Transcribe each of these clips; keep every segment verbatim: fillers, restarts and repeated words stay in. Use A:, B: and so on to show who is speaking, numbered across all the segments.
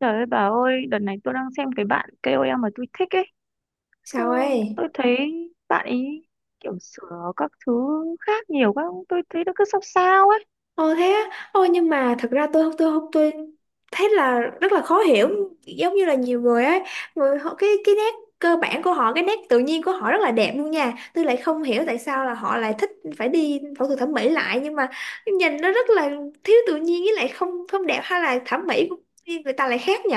A: Trời ơi bà ơi, đợt này tôi đang xem cái bạn ca o lờ mà tôi thích ấy. Xong
B: Sao ấy?
A: tôi thấy bạn ấy kiểu sửa các thứ khác nhiều quá. Tôi thấy nó cứ sao sao ấy.
B: Ồ thế á, ồ nhưng mà thật ra tôi tôi không tôi thấy là rất là khó hiểu. Giống như là nhiều người ấy, người họ, cái cái nét cơ bản của họ, cái nét tự nhiên của họ rất là đẹp luôn nha. Tôi lại không hiểu tại sao là họ lại thích phải đi phẫu thuật thẩm mỹ lại, nhưng mà nhìn nó rất là thiếu tự nhiên, với lại không không đẹp. Hay là thẩm mỹ của người ta lại khác nhỉ?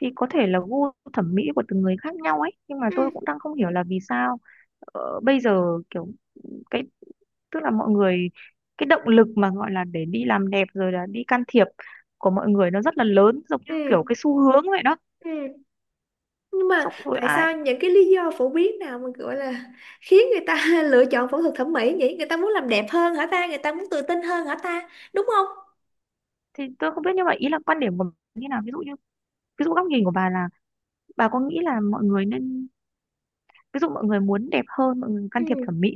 A: Thì có thể là gu thẩm mỹ của từng người khác nhau ấy. Nhưng mà
B: Ừ,
A: tôi cũng đang không hiểu là vì sao ờ, bây giờ kiểu cái, tức là mọi người, cái động lực mà gọi là để đi làm đẹp rồi là đi can thiệp của mọi người nó rất là lớn, giống như kiểu
B: ừ,
A: cái xu hướng vậy đó.
B: ừ, nhưng mà
A: Xong rồi
B: tại
A: ai
B: sao, những cái lý do phổ biến nào mà gọi là khiến người ta lựa chọn phẫu thuật thẩm mỹ vậy? Người ta muốn làm đẹp hơn hả ta? Người ta muốn tự tin hơn hả ta, đúng không?
A: thì tôi không biết, nhưng mà ý là quan điểm của bà như nào, ví dụ như ví dụ góc nhìn của bà là, bà có nghĩ là mọi người nên, ví dụ mọi người muốn đẹp hơn, mọi người can
B: Ừ.
A: thiệp thẩm mỹ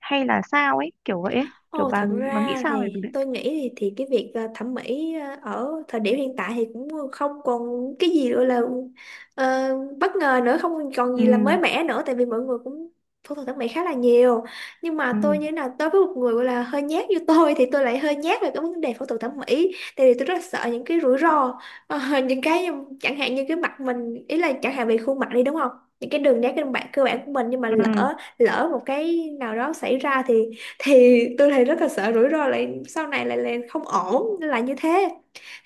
A: hay là sao ấy, kiểu vậy ấy, kiểu
B: Ồ,
A: bà
B: thật
A: bà nghĩ
B: ra
A: sao về việc
B: thì
A: đấy?
B: tôi nghĩ thì, thì cái việc ờ, thẩm mỹ ờ, ở thời điểm hiện tại thì cũng không còn cái gì gọi là ờ, bất ngờ nữa, không còn
A: Ừ,
B: gì là mới mẻ nữa, tại vì mọi người cũng phẫu thuật thẩm mỹ khá là nhiều. Nhưng mà tôi
A: ừ,
B: như thế nào, tôi với một người gọi là hơi nhát như tôi thì tôi lại hơi nhát về cái vấn đề phẫu thuật thẩm mỹ, tại vì tôi rất là sợ những cái rủi ro. Ờ, những cái, chẳng hạn như cái mặt mình, ý là chẳng hạn về khuôn mặt đi, đúng không? Những cái đường nét cơ bản cơ bản của mình, nhưng mà
A: ừ,
B: lỡ lỡ một cái nào đó xảy ra thì thì tôi thấy rất là sợ rủi ro, lại sau này lại là không ổn, là như thế.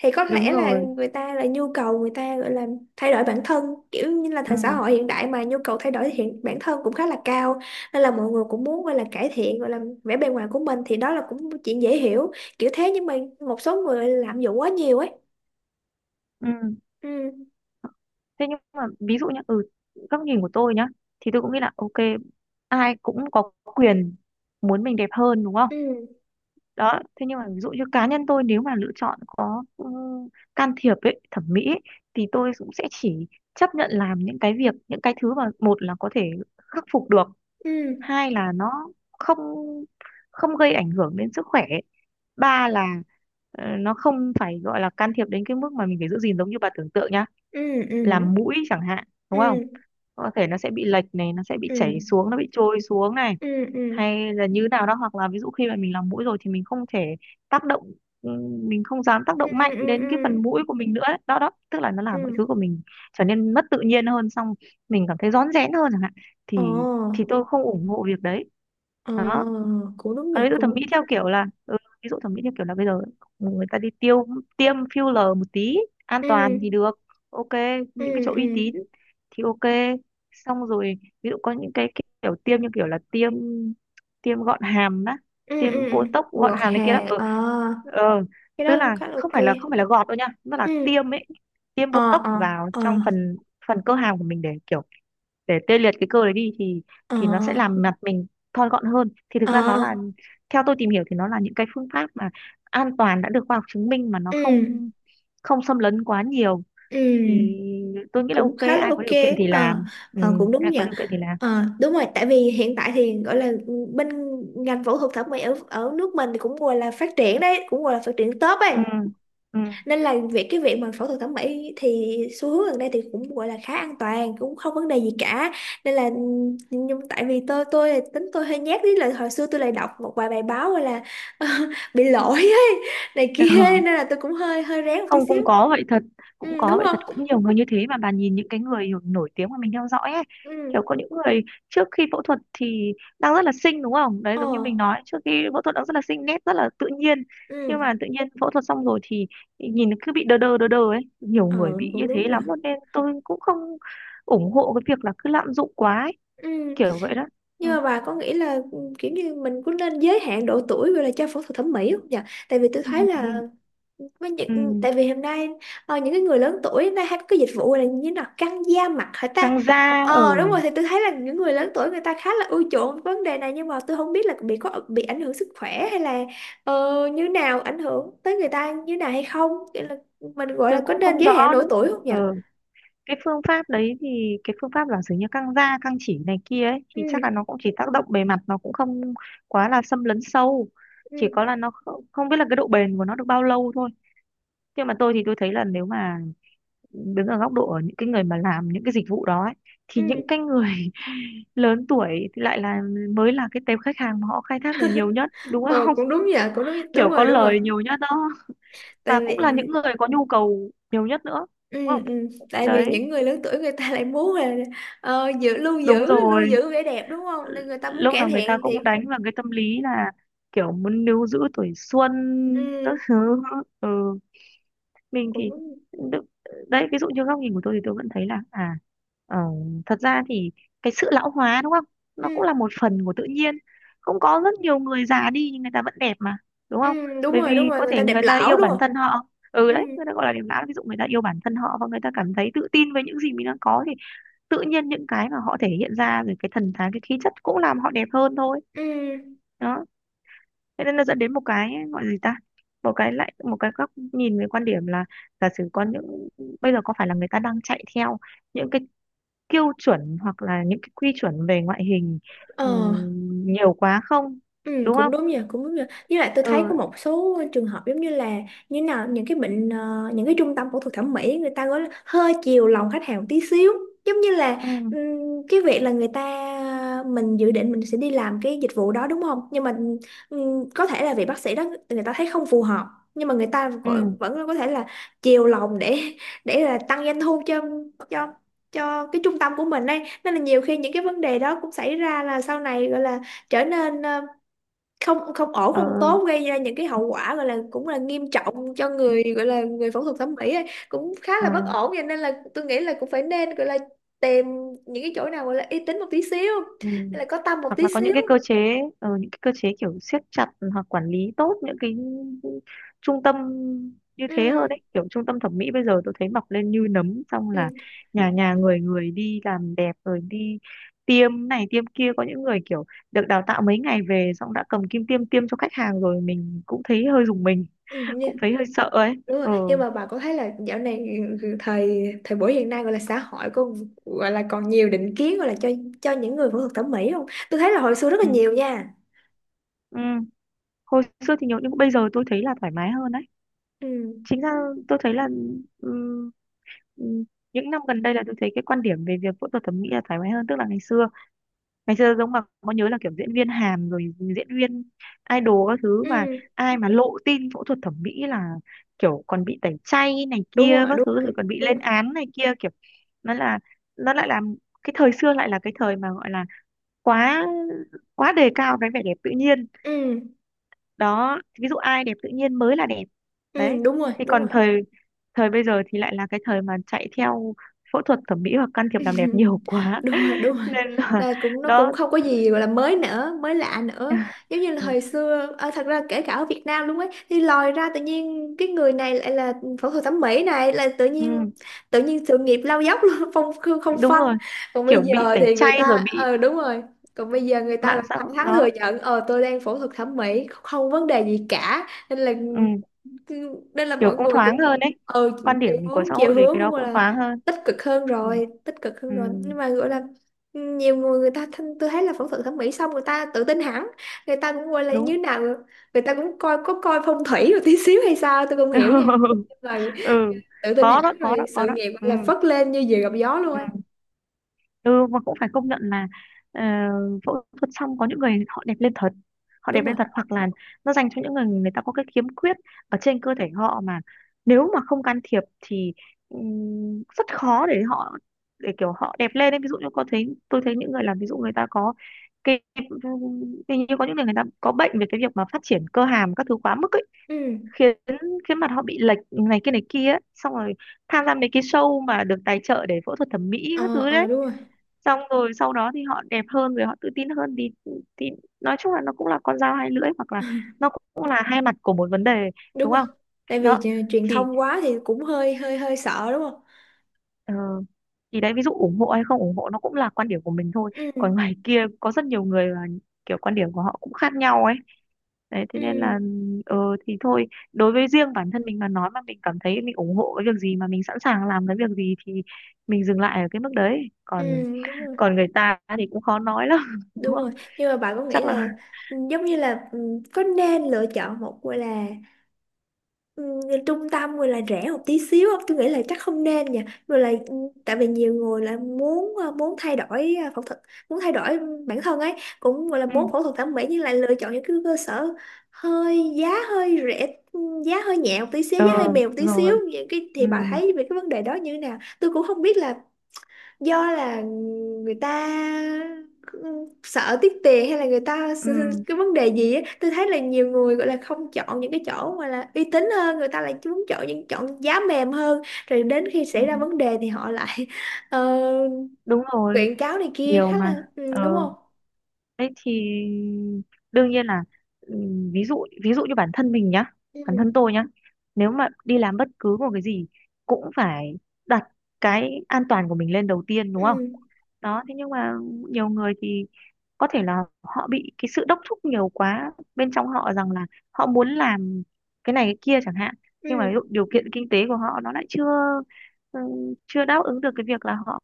B: Thì có
A: đúng
B: lẽ là
A: rồi.
B: người ta, là nhu cầu người ta gọi là thay đổi bản thân, kiểu như là thời xã
A: Ừ,
B: hội hiện đại mà nhu cầu thay đổi hiện bản thân cũng khá là cao, nên là mọi người cũng muốn gọi là cải thiện gọi là vẻ bề ngoài của mình, thì đó là cũng một chuyện dễ hiểu. Kiểu thế nhưng mà một số người lạm dụng quá nhiều ấy.
A: ừ.
B: ừ,
A: Thế nhưng mà ví dụ nhá, ừ, góc nhìn của tôi nhá, thì tôi cũng nghĩ là ok, ai cũng có quyền muốn mình đẹp hơn, đúng không?
B: ừ,
A: Đó, thế nhưng mà ví dụ như cá nhân tôi, nếu mà lựa chọn có ừ, can thiệp ấy, thẩm mỹ ấy, thì tôi cũng sẽ chỉ chấp nhận làm những cái việc, những cái thứ mà một là có thể khắc phục được,
B: ừ,
A: hai là nó không không gây ảnh hưởng đến sức khỏe, ba là ờ, nó không phải gọi là can thiệp đến cái mức mà mình phải giữ gìn, giống như bà tưởng tượng nhá,
B: ừ, ừ,
A: làm mũi chẳng hạn, đúng không?
B: ừ,
A: Có thể nó sẽ bị lệch này, nó sẽ bị
B: ừ,
A: chảy xuống, nó bị trôi xuống này,
B: ừ, ừ, ừ,
A: hay là như nào đó. Hoặc là ví dụ khi mà mình làm mũi rồi thì mình không thể tác động, ừ, mình không dám tác
B: ừ,
A: động mạnh
B: ừ,
A: đến cái
B: ừ,
A: phần mũi của mình nữa ấy. Đó đó, tức là nó làm mọi
B: ừ.
A: thứ của mình trở nên mất tự nhiên hơn, xong mình cảm thấy rón rén hơn chẳng hạn,
B: Ồ.
A: thì thì tôi không ủng hộ việc đấy.
B: Ờ,
A: Đó,
B: cũng đúng nhỉ,
A: còn ví dụ
B: cũng
A: thẩm mỹ
B: đúng nhỉ.
A: theo kiểu là ừ, ví dụ thẩm mỹ theo kiểu là bây giờ người ta đi tiêu tiêm filler một tí, an
B: Ừ,
A: toàn thì được, ok,
B: ừ,
A: những cái chỗ uy
B: ừ,
A: tín thì ok. Xong rồi ví dụ có những cái kiểu tiêm, như kiểu là tiêm tiêm gọn hàm đó,
B: ừ, ừ,
A: tiêm
B: ừ.
A: botox gọn
B: Gọt
A: hàm này kia đó,
B: hà,
A: ừ,
B: ờ,
A: ờ
B: cái đó
A: tức
B: cũng
A: là
B: khá là
A: không
B: ok.
A: phải là không phải là gọt đâu nha, nó là
B: Ừ,
A: tiêm ấy, tiêm
B: ờ,
A: botox
B: ờ,
A: vào
B: ờ,
A: trong phần phần cơ hàm của mình để kiểu, để tê liệt cái cơ đấy đi, thì
B: ờ,
A: thì nó sẽ làm mặt mình thon gọn hơn. Thì thực
B: ờ,
A: ra nó là, theo tôi tìm hiểu thì nó là những cái phương pháp mà an toàn, đã được khoa học chứng minh, mà nó
B: ừ,
A: không không xâm lấn quá nhiều, thì
B: ừ,
A: tôi nghĩ là
B: cũng
A: ok,
B: khá là
A: ai có
B: ok.
A: điều kiện thì
B: Ờ,
A: làm, ừ,
B: ờ cũng đúng
A: ai
B: nhỉ.
A: có điều kiện thì làm.
B: Ờ, đúng rồi, tại vì hiện tại thì gọi là bên ngành phẫu thuật thẩm mỹ ở, ở nước mình thì cũng gọi là phát triển đấy, cũng gọi là phát triển tốt ấy.
A: Ừ, ừ.
B: Nên là việc, cái việc mà phẫu thuật thẩm mỹ thì xu hướng gần đây thì cũng gọi là khá an toàn, cũng không vấn đề gì cả, nên là, nhưng nhưng tại vì tôi tôi là tính tôi hơi nhát, với là hồi xưa tôi lại đọc một vài bài báo gọi là bị lỗi ấy, này kia, nên là tôi cũng hơi hơi rén một tí
A: Không,
B: xíu.
A: cũng có vậy thật, cũng
B: Ừ,
A: có
B: đúng
A: vậy
B: không?
A: thật, cũng nhiều người như thế. Mà bà nhìn những cái người nổi nổi tiếng mà mình theo dõi ấy,
B: Ừ.
A: kiểu có những người trước khi phẫu thuật thì đang rất là xinh, đúng không? Đấy,
B: Ờ.
A: giống như mình nói, trước khi phẫu thuật đang rất là xinh, nét rất là tự nhiên, nhưng
B: Ừ.
A: mà tự nhiên phẫu thuật xong rồi thì nhìn cứ bị đờ đờ đờ đờ ấy, nhiều
B: Ờ
A: người bị như
B: cũng
A: thế
B: đúng nhỉ.
A: lắm luôn, nên tôi cũng không ủng hộ cái việc là cứ lạm dụng quá ấy.
B: Ừ,
A: Kiểu vậy đó. Ừ.
B: nhưng mà bà có nghĩ là kiểu như mình cũng nên giới hạn độ tuổi gọi là cho phẫu thuật thẩm mỹ không nhỉ? Tại vì tôi thấy là, với
A: Ừ.
B: những,
A: Ừ.
B: tại vì hôm nay, ờ, những cái người lớn tuổi hôm nay hay có cái dịch vụ gọi là như thế nào, căng da mặt hả ta?
A: Căng da ở,
B: Ờ đúng
A: ừ.
B: rồi, thì tôi thấy là những người lớn tuổi người ta khá là ưa chuộng vấn đề này, nhưng mà tôi không biết là bị có bị ảnh hưởng sức khỏe hay là, ờ, như nào, ảnh hưởng tới người ta như nào hay không. Nghĩa là mình gọi
A: Tôi
B: là có
A: cũng
B: nên
A: không
B: giới hạn
A: rõ
B: độ
A: nữa.
B: tuổi không nhỉ?
A: Ừ. Cái phương pháp đấy thì, cái phương pháp là giống như căng da, căng chỉ này kia ấy,
B: Ừ,
A: thì chắc là nó cũng chỉ tác động bề mặt, nó cũng không quá là xâm lấn sâu, chỉ có
B: ừ,
A: là nó không, không biết là cái độ bền của nó được bao lâu thôi. Nhưng mà tôi thì tôi thấy là, nếu mà đứng ở góc độ ở những cái người mà làm những cái dịch vụ đó ấy, thì những
B: ừ.
A: cái người lớn tuổi thì lại là, mới là cái tệp khách hàng mà họ khai thác được nhiều nhất, đúng
B: Ờ
A: không?
B: cũng đúng nhỉ, cũng đúng, đúng
A: Kiểu có
B: rồi, đúng rồi.
A: lời nhiều nhất đó,
B: Tại
A: mà
B: vì,
A: cũng là những người có nhu cầu nhiều nhất nữa, đúng
B: ừ,
A: không?
B: ừ. Tại vì
A: Đấy.
B: những người lớn tuổi người ta lại muốn là, ờ, giữ lưu
A: Đúng
B: giữ lưu
A: rồi,
B: giữ vẻ đẹp, đúng không, nên người ta muốn
A: lúc
B: cải
A: nào người ta
B: thiện thì,
A: cũng đánh vào cái tâm lý là kiểu muốn níu giữ tuổi xuân
B: ừ,
A: các thứ. Ừ. Mình
B: cũng,
A: thì đ- đấy, ví dụ như góc nhìn của tôi thì tôi vẫn thấy là à ờ, thật ra thì cái sự lão hóa, đúng không,
B: ừ,
A: nó cũng là một phần của tự nhiên. Cũng có rất nhiều người già đi nhưng người ta vẫn đẹp mà, đúng
B: ừ,
A: không?
B: đúng
A: Bởi
B: rồi, đúng
A: vì
B: rồi,
A: có
B: người
A: thể
B: ta đẹp
A: người ta
B: lão
A: yêu
B: đúng
A: bản
B: không.
A: thân họ, ừ,
B: Ừ,
A: đấy người ta gọi là điểm lão, ví dụ người ta yêu bản thân họ và người ta cảm thấy tự tin với những gì mình đang có, thì tự nhiên những cái mà họ thể hiện ra rồi cái thần thái, cái khí chất cũng làm họ đẹp hơn thôi.
B: ừ.
A: Đó, thế nên nó dẫn đến một cái gọi là gì ta, một cái lại một cái góc nhìn về quan điểm là, giả sử con những, bây giờ có phải là người ta đang chạy theo những cái tiêu chuẩn hoặc là những cái quy chuẩn về ngoại hình
B: Ờ.
A: ừm, nhiều quá không,
B: Ừ,
A: đúng
B: cũng
A: không?
B: đúng nhỉ, cũng đúng nhỉ. Với lại tôi
A: Ừ,
B: thấy có một số trường hợp giống như là, như nào, những cái bệnh, ờ, những cái trung tâm phẫu thuật thẩm mỹ người ta gọi là hơi chiều lòng khách hàng một tí xíu. Giống như là,
A: ừ,
B: ừm, cái việc là người ta, mình dự định mình sẽ đi làm cái dịch vụ đó đúng không? Nhưng mà, ừm, có thể là vị bác sĩ đó người ta thấy không phù hợp, nhưng mà người ta
A: ừ,
B: vẫn vẫn có thể là chiều lòng để để là tăng doanh thu cho cho cho cái trung tâm của mình ấy. Nên là nhiều khi những cái vấn đề đó cũng xảy ra, là sau này gọi là trở nên không không ổn,
A: ờ,
B: không tốt, gây ra những cái hậu quả gọi là cũng là nghiêm trọng cho người, gọi là người phẫu thuật thẩm mỹ ấy. Cũng khá
A: ờ.
B: là bất ổn, vậy nên là tôi nghĩ là cũng phải nên gọi là tìm những cái chỗ nào gọi là uy tín một tí xíu
A: Ừ.
B: hay là có tâm một
A: Hoặc
B: tí
A: là có những
B: xíu.
A: cái cơ chế, ờ, những cái cơ chế kiểu siết chặt hoặc quản lý tốt những cái trung tâm như thế hơn
B: Ừ,
A: đấy, kiểu trung tâm thẩm mỹ bây giờ tôi thấy mọc lên như nấm, xong
B: ừ,
A: là nhà nhà người người đi làm đẹp rồi đi tiêm này tiêm kia, có những người kiểu được đào tạo mấy ngày về xong đã cầm kim tiêm tiêm cho khách hàng rồi, mình cũng thấy hơi rùng mình,
B: ừ nha.
A: cũng thấy hơi sợ ấy.
B: Đúng rồi,
A: Ờ.
B: nhưng mà bà có thấy là dạo này thời thời buổi hiện nay gọi là xã hội có gọi là còn nhiều định kiến gọi là cho cho những người phẫu thuật thẩm mỹ không? Tôi thấy là hồi xưa rất là
A: Ừ.
B: nhiều nha.
A: Ừ. Hồi xưa thì nhiều nhưng bây giờ tôi thấy là thoải mái hơn đấy,
B: Ừ,
A: chính ra. Tôi thấy là ừ, ừ, những năm gần đây là tôi thấy cái quan điểm về việc phẫu thuật thẩm mỹ là thoải mái hơn, tức là ngày xưa, ngày xưa giống mà có nhớ là kiểu diễn viên Hàn rồi diễn viên idol các thứ mà
B: ừ,
A: ai mà lộ tin phẫu thuật thẩm mỹ là kiểu còn bị tẩy chay này
B: đúng
A: kia
B: rồi,
A: các
B: đúng
A: thứ
B: rồi,
A: rồi còn bị
B: đúng
A: lên
B: rồi.
A: án này kia, kiểu nó là nó lại làm, cái thời xưa lại là cái thời mà gọi là quá quá đề cao cái vẻ đẹp tự nhiên.
B: Ừ.
A: Đó, ví dụ ai đẹp tự nhiên mới là đẹp. Đấy,
B: Ừ, đúng rồi,
A: thì
B: đúng
A: còn
B: rồi.
A: thời thời bây giờ thì lại là cái thời mà chạy theo phẫu thuật thẩm mỹ hoặc can thiệp làm đẹp nhiều quá,
B: Đúng rồi, đúng rồi.
A: nên là.
B: Là cũng, nó cũng
A: Đó.
B: không có gì gọi là mới nữa, mới lạ nữa. Giống như là
A: Ừ,
B: hồi xưa, à, thật ra kể cả ở Việt Nam luôn ấy, thì lòi ra tự nhiên cái người này lại là phẫu thuật thẩm mỹ này, là tự
A: ừ,
B: nhiên tự nhiên sự nghiệp lao dốc luôn, không không không
A: đúng
B: phanh.
A: rồi,
B: Còn bây
A: kiểu bị
B: giờ
A: tẩy
B: thì người
A: chay
B: ta,
A: rồi bị
B: ờ đúng rồi. Còn bây giờ người ta là
A: mạng xã hội
B: thẳng thắn
A: nó,
B: thừa nhận, ờ tôi đang phẫu thuật thẩm mỹ, không vấn đề gì cả, nên là,
A: ừ,
B: Cứ- nên là
A: kiểu
B: mọi
A: cũng
B: người
A: thoáng
B: cũng,
A: hơn đấy,
B: ờ,
A: quan
B: chiều
A: điểm của
B: hướng,
A: xã hội
B: chiều
A: về
B: hướng
A: cái
B: cũng
A: đó
B: gọi
A: cũng
B: là
A: thoáng hơn.
B: tích cực hơn
A: Ừ,
B: rồi, tích cực hơn
A: ừ,
B: rồi, nhưng mà gọi là, nhiều người, người ta thân, tôi thấy là phẫu thuật thẩm mỹ xong người ta tự tin hẳn, người ta cũng gọi là
A: đúng.
B: như nào, người ta cũng coi, có coi phong thủy một tí xíu hay sao tôi không hiểu nha, nhưng mà
A: Ừ,
B: tự tin
A: có
B: hẳn
A: đó, có
B: rồi,
A: đó, có
B: sự
A: đó.
B: nghiệp
A: Ừ.
B: gọi là phất lên như diều gặp gió luôn
A: Ừ.
B: ấy.
A: Ừ, mà cũng phải công nhận là ờ, phẫu thuật xong có những người họ đẹp lên thật, họ
B: Đúng
A: đẹp
B: rồi.
A: lên thật, hoặc là nó dành cho những người, người ta có cái khiếm khuyết ở trên cơ thể họ mà nếu mà không can thiệp thì, ừm, rất khó để họ để kiểu họ đẹp lên ấy. Ví dụ như có thấy tôi thấy những người làm, ví dụ người ta có cái hình, như có những người, người ta có bệnh về cái việc mà phát triển cơ hàm các thứ quá mức ấy,
B: Ừ.
A: khiến khiến mặt họ bị lệch này kia này kia ấy. Xong rồi tham gia mấy cái show mà được tài trợ để phẫu thuật thẩm mỹ các
B: Ờ,
A: thứ
B: ờ
A: đấy,
B: đúng rồi.
A: xong rồi sau đó thì họ đẹp hơn, rồi họ tự tin hơn thì thì nói chung là nó cũng là con dao hai lưỡi, hoặc là nó cũng là hai mặt của một vấn đề,
B: Đúng
A: đúng
B: rồi,
A: không?
B: tại vì
A: Đó
B: truyền
A: thì
B: thông quá thì cũng hơi hơi hơi sợ, đúng không?
A: ờ, thì đấy, ví dụ ủng hộ hay không ủng hộ nó cũng là quan điểm của mình thôi.
B: Ừ,
A: Còn ngoài kia có rất nhiều người là kiểu quan điểm của họ cũng khác nhau ấy. Đấy thế
B: ừ,
A: nên là ờ thì thôi, đối với riêng bản thân mình mà nói, mà mình cảm thấy mình ủng hộ cái việc gì mà mình sẵn sàng làm cái việc gì thì mình dừng lại ở cái mức đấy.
B: ừ,
A: còn
B: đúng rồi,
A: còn người ta thì cũng khó nói lắm. Đúng
B: đúng
A: không?
B: rồi, nhưng mà bạn có nghĩ
A: Chắc là
B: là, ừ, giống như là, ừ, có nên lựa chọn một gọi là, ừ, trung tâm gọi là rẻ một tí xíu không? Tôi nghĩ là chắc không nên nha, rồi là, ừ, tại vì nhiều người là muốn, ờ, muốn thay đổi, ờ, phẫu thuật, muốn thay đổi bản thân ấy, cũng gọi là
A: ừ.
B: muốn phẫu thuật thẩm mỹ, nhưng lại lựa chọn những cái cơ sở hơi giá hơi rẻ, ừ, giá hơi nhẹ một tí xíu,
A: Ờ
B: giá hơi mềm một tí
A: rồi,
B: xíu, những cái,
A: ừ,
B: thì bà thấy về cái vấn đề đó như thế nào? Tôi cũng không biết là, do là người ta sợ tiếc tiền hay là người ta
A: ừ,
B: cái vấn đề gì á? Tôi thấy là nhiều người gọi là không chọn những cái chỗ mà là uy tín hơn, người ta lại muốn chọn những, chọn giá mềm hơn, rồi đến khi
A: ừ,
B: xảy ra vấn đề thì họ lại ờ,
A: đúng rồi,
B: quyện cáo này kia,
A: nhiều
B: khá
A: mà.
B: là, ừ, đúng
A: Ờ.
B: không?
A: Đấy thì đương nhiên là, ừ, ví dụ ví dụ như bản thân mình nhá, bản thân
B: Ừ,
A: tôi nhá. Nếu mà đi làm bất cứ một cái gì cũng phải đặt cái an toàn của mình lên đầu tiên, đúng không?
B: ừ,
A: Đó, thế nhưng mà nhiều người thì có thể là họ bị cái sự đốc thúc nhiều quá bên trong họ, rằng là họ muốn làm cái này cái kia chẳng hạn. Nhưng mà ví dụ
B: ừ,
A: điều kiện kinh tế của họ nó lại chưa, ừ, chưa đáp ứng được cái việc là họ,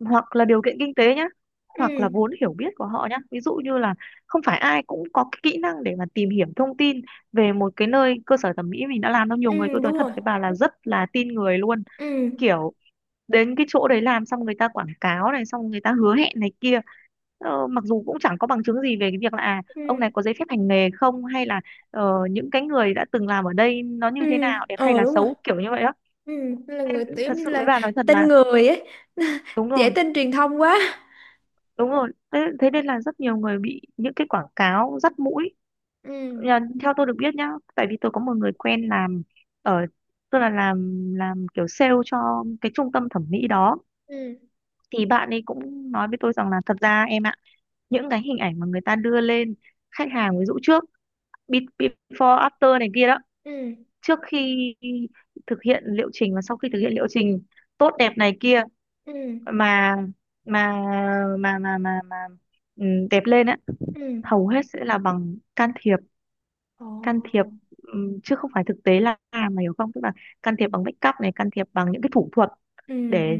A: hoặc là điều kiện kinh tế nhá, hoặc là
B: ừ,
A: vốn hiểu biết của họ nhá. Ví dụ như là không phải ai cũng có cái kỹ năng để mà tìm hiểu thông tin về một cái nơi cơ sở thẩm mỹ mình đã làm đâu. Nhiều người
B: ừ,
A: tôi nói
B: đúng
A: thật
B: rồi,
A: với bà là rất là tin người luôn,
B: ừ,
A: kiểu đến cái chỗ đấy làm xong người ta quảng cáo này, xong người ta hứa hẹn này kia. Ờ, mặc dù cũng chẳng có bằng chứng gì về cái việc là à,
B: ừ,
A: ông này có giấy phép hành nghề không, hay là ờ, những cái người đã từng làm ở đây nó như
B: ừ,
A: thế nào, đẹp hay
B: ờ
A: là
B: đúng rồi.
A: xấu, kiểu như vậy đó.
B: Ừ nên là người
A: Nên
B: tiểu
A: thật sự
B: như
A: với
B: là
A: bà nói thật
B: tin
A: là
B: người ấy,
A: đúng
B: dễ
A: rồi,
B: tin truyền thông quá.
A: đúng rồi. Thế, thế nên là rất nhiều người bị những cái quảng cáo dắt mũi.
B: Ừ,
A: Nhờ- theo tôi được biết nhá, tại vì tôi có một người quen làm ở, tức là làm làm kiểu sale cho cái trung tâm thẩm mỹ đó,
B: ừ,
A: thì bạn ấy cũng nói với tôi rằng là thật ra em ạ, những cái hình ảnh mà người ta đưa lên khách hàng, ví dụ trước, be- before after này kia đó,
B: ừ,
A: trước khi thực hiện liệu trình và sau khi thực hiện liệu trình tốt đẹp này kia,
B: ừ,
A: mà mà mà mà mà, mà ừ, đẹp lên á,
B: ừ.
A: hầu hết sẽ là bằng can thiệp, can thiệp,
B: Ồ.
A: ừm, chứ không phải thực tế. Là à, mày hiểu không, tức là can thiệp bằng make up này, can thiệp bằng những cái thủ thuật
B: Ừ, ừ,
A: để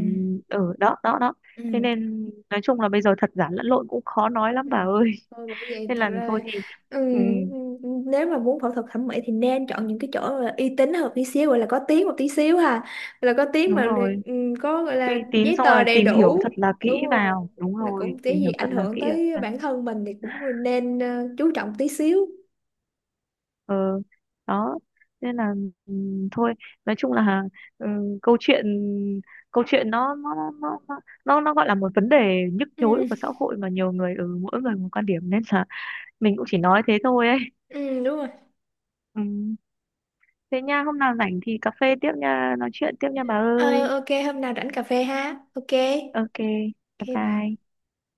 A: ở, ừ, đó đó đó. Thế
B: ừ,
A: nên nói chung là bây giờ thật giả lẫn lộn, cũng khó nói lắm
B: ừ.
A: bà ơi.
B: Thôi, bởi vậy
A: Nên
B: thật
A: là
B: ra
A: thôi
B: là,
A: thì
B: ừ,
A: ừm,
B: ừ, nếu mà muốn phẫu thuật thẩm mỹ thì nên chọn những cái chỗ là uy tín hơn một tí xíu, gọi là có tiếng một tí xíu ha, là có tiếng
A: đúng
B: mà.
A: rồi,
B: Ừ, có gọi
A: uy
B: là
A: tín,
B: giấy
A: xong
B: tờ
A: rồi
B: đầy
A: tìm hiểu
B: đủ,
A: thật là
B: đúng
A: kỹ
B: rồi,
A: vào, đúng
B: là
A: rồi,
B: cũng
A: tìm
B: cái gì
A: hiểu thật
B: ảnh
A: là
B: hưởng
A: kỹ.
B: tới bản thân mình thì cũng nên, ờ, chú trọng tí xíu.
A: Ờ, đó, nên là ừm, thôi, nói chung là, ừ, câu chuyện câu chuyện nó nó nó nó nó nó nó gọi là một vấn đề nhức nhối
B: Ừ,
A: của xã hội, mà nhiều người ở mỗi người một quan điểm, nên là mình cũng chỉ nói thế thôi ấy.
B: ừ, đúng rồi.
A: Ừ. Thế nha, hôm nào rảnh thì cà phê tiếp nha, nói chuyện tiếp nha bà
B: Ờ
A: ơi.
B: ok, hôm nào rảnh cà phê ha, ok.
A: Ok,
B: Ok,
A: bye
B: bye.
A: bye.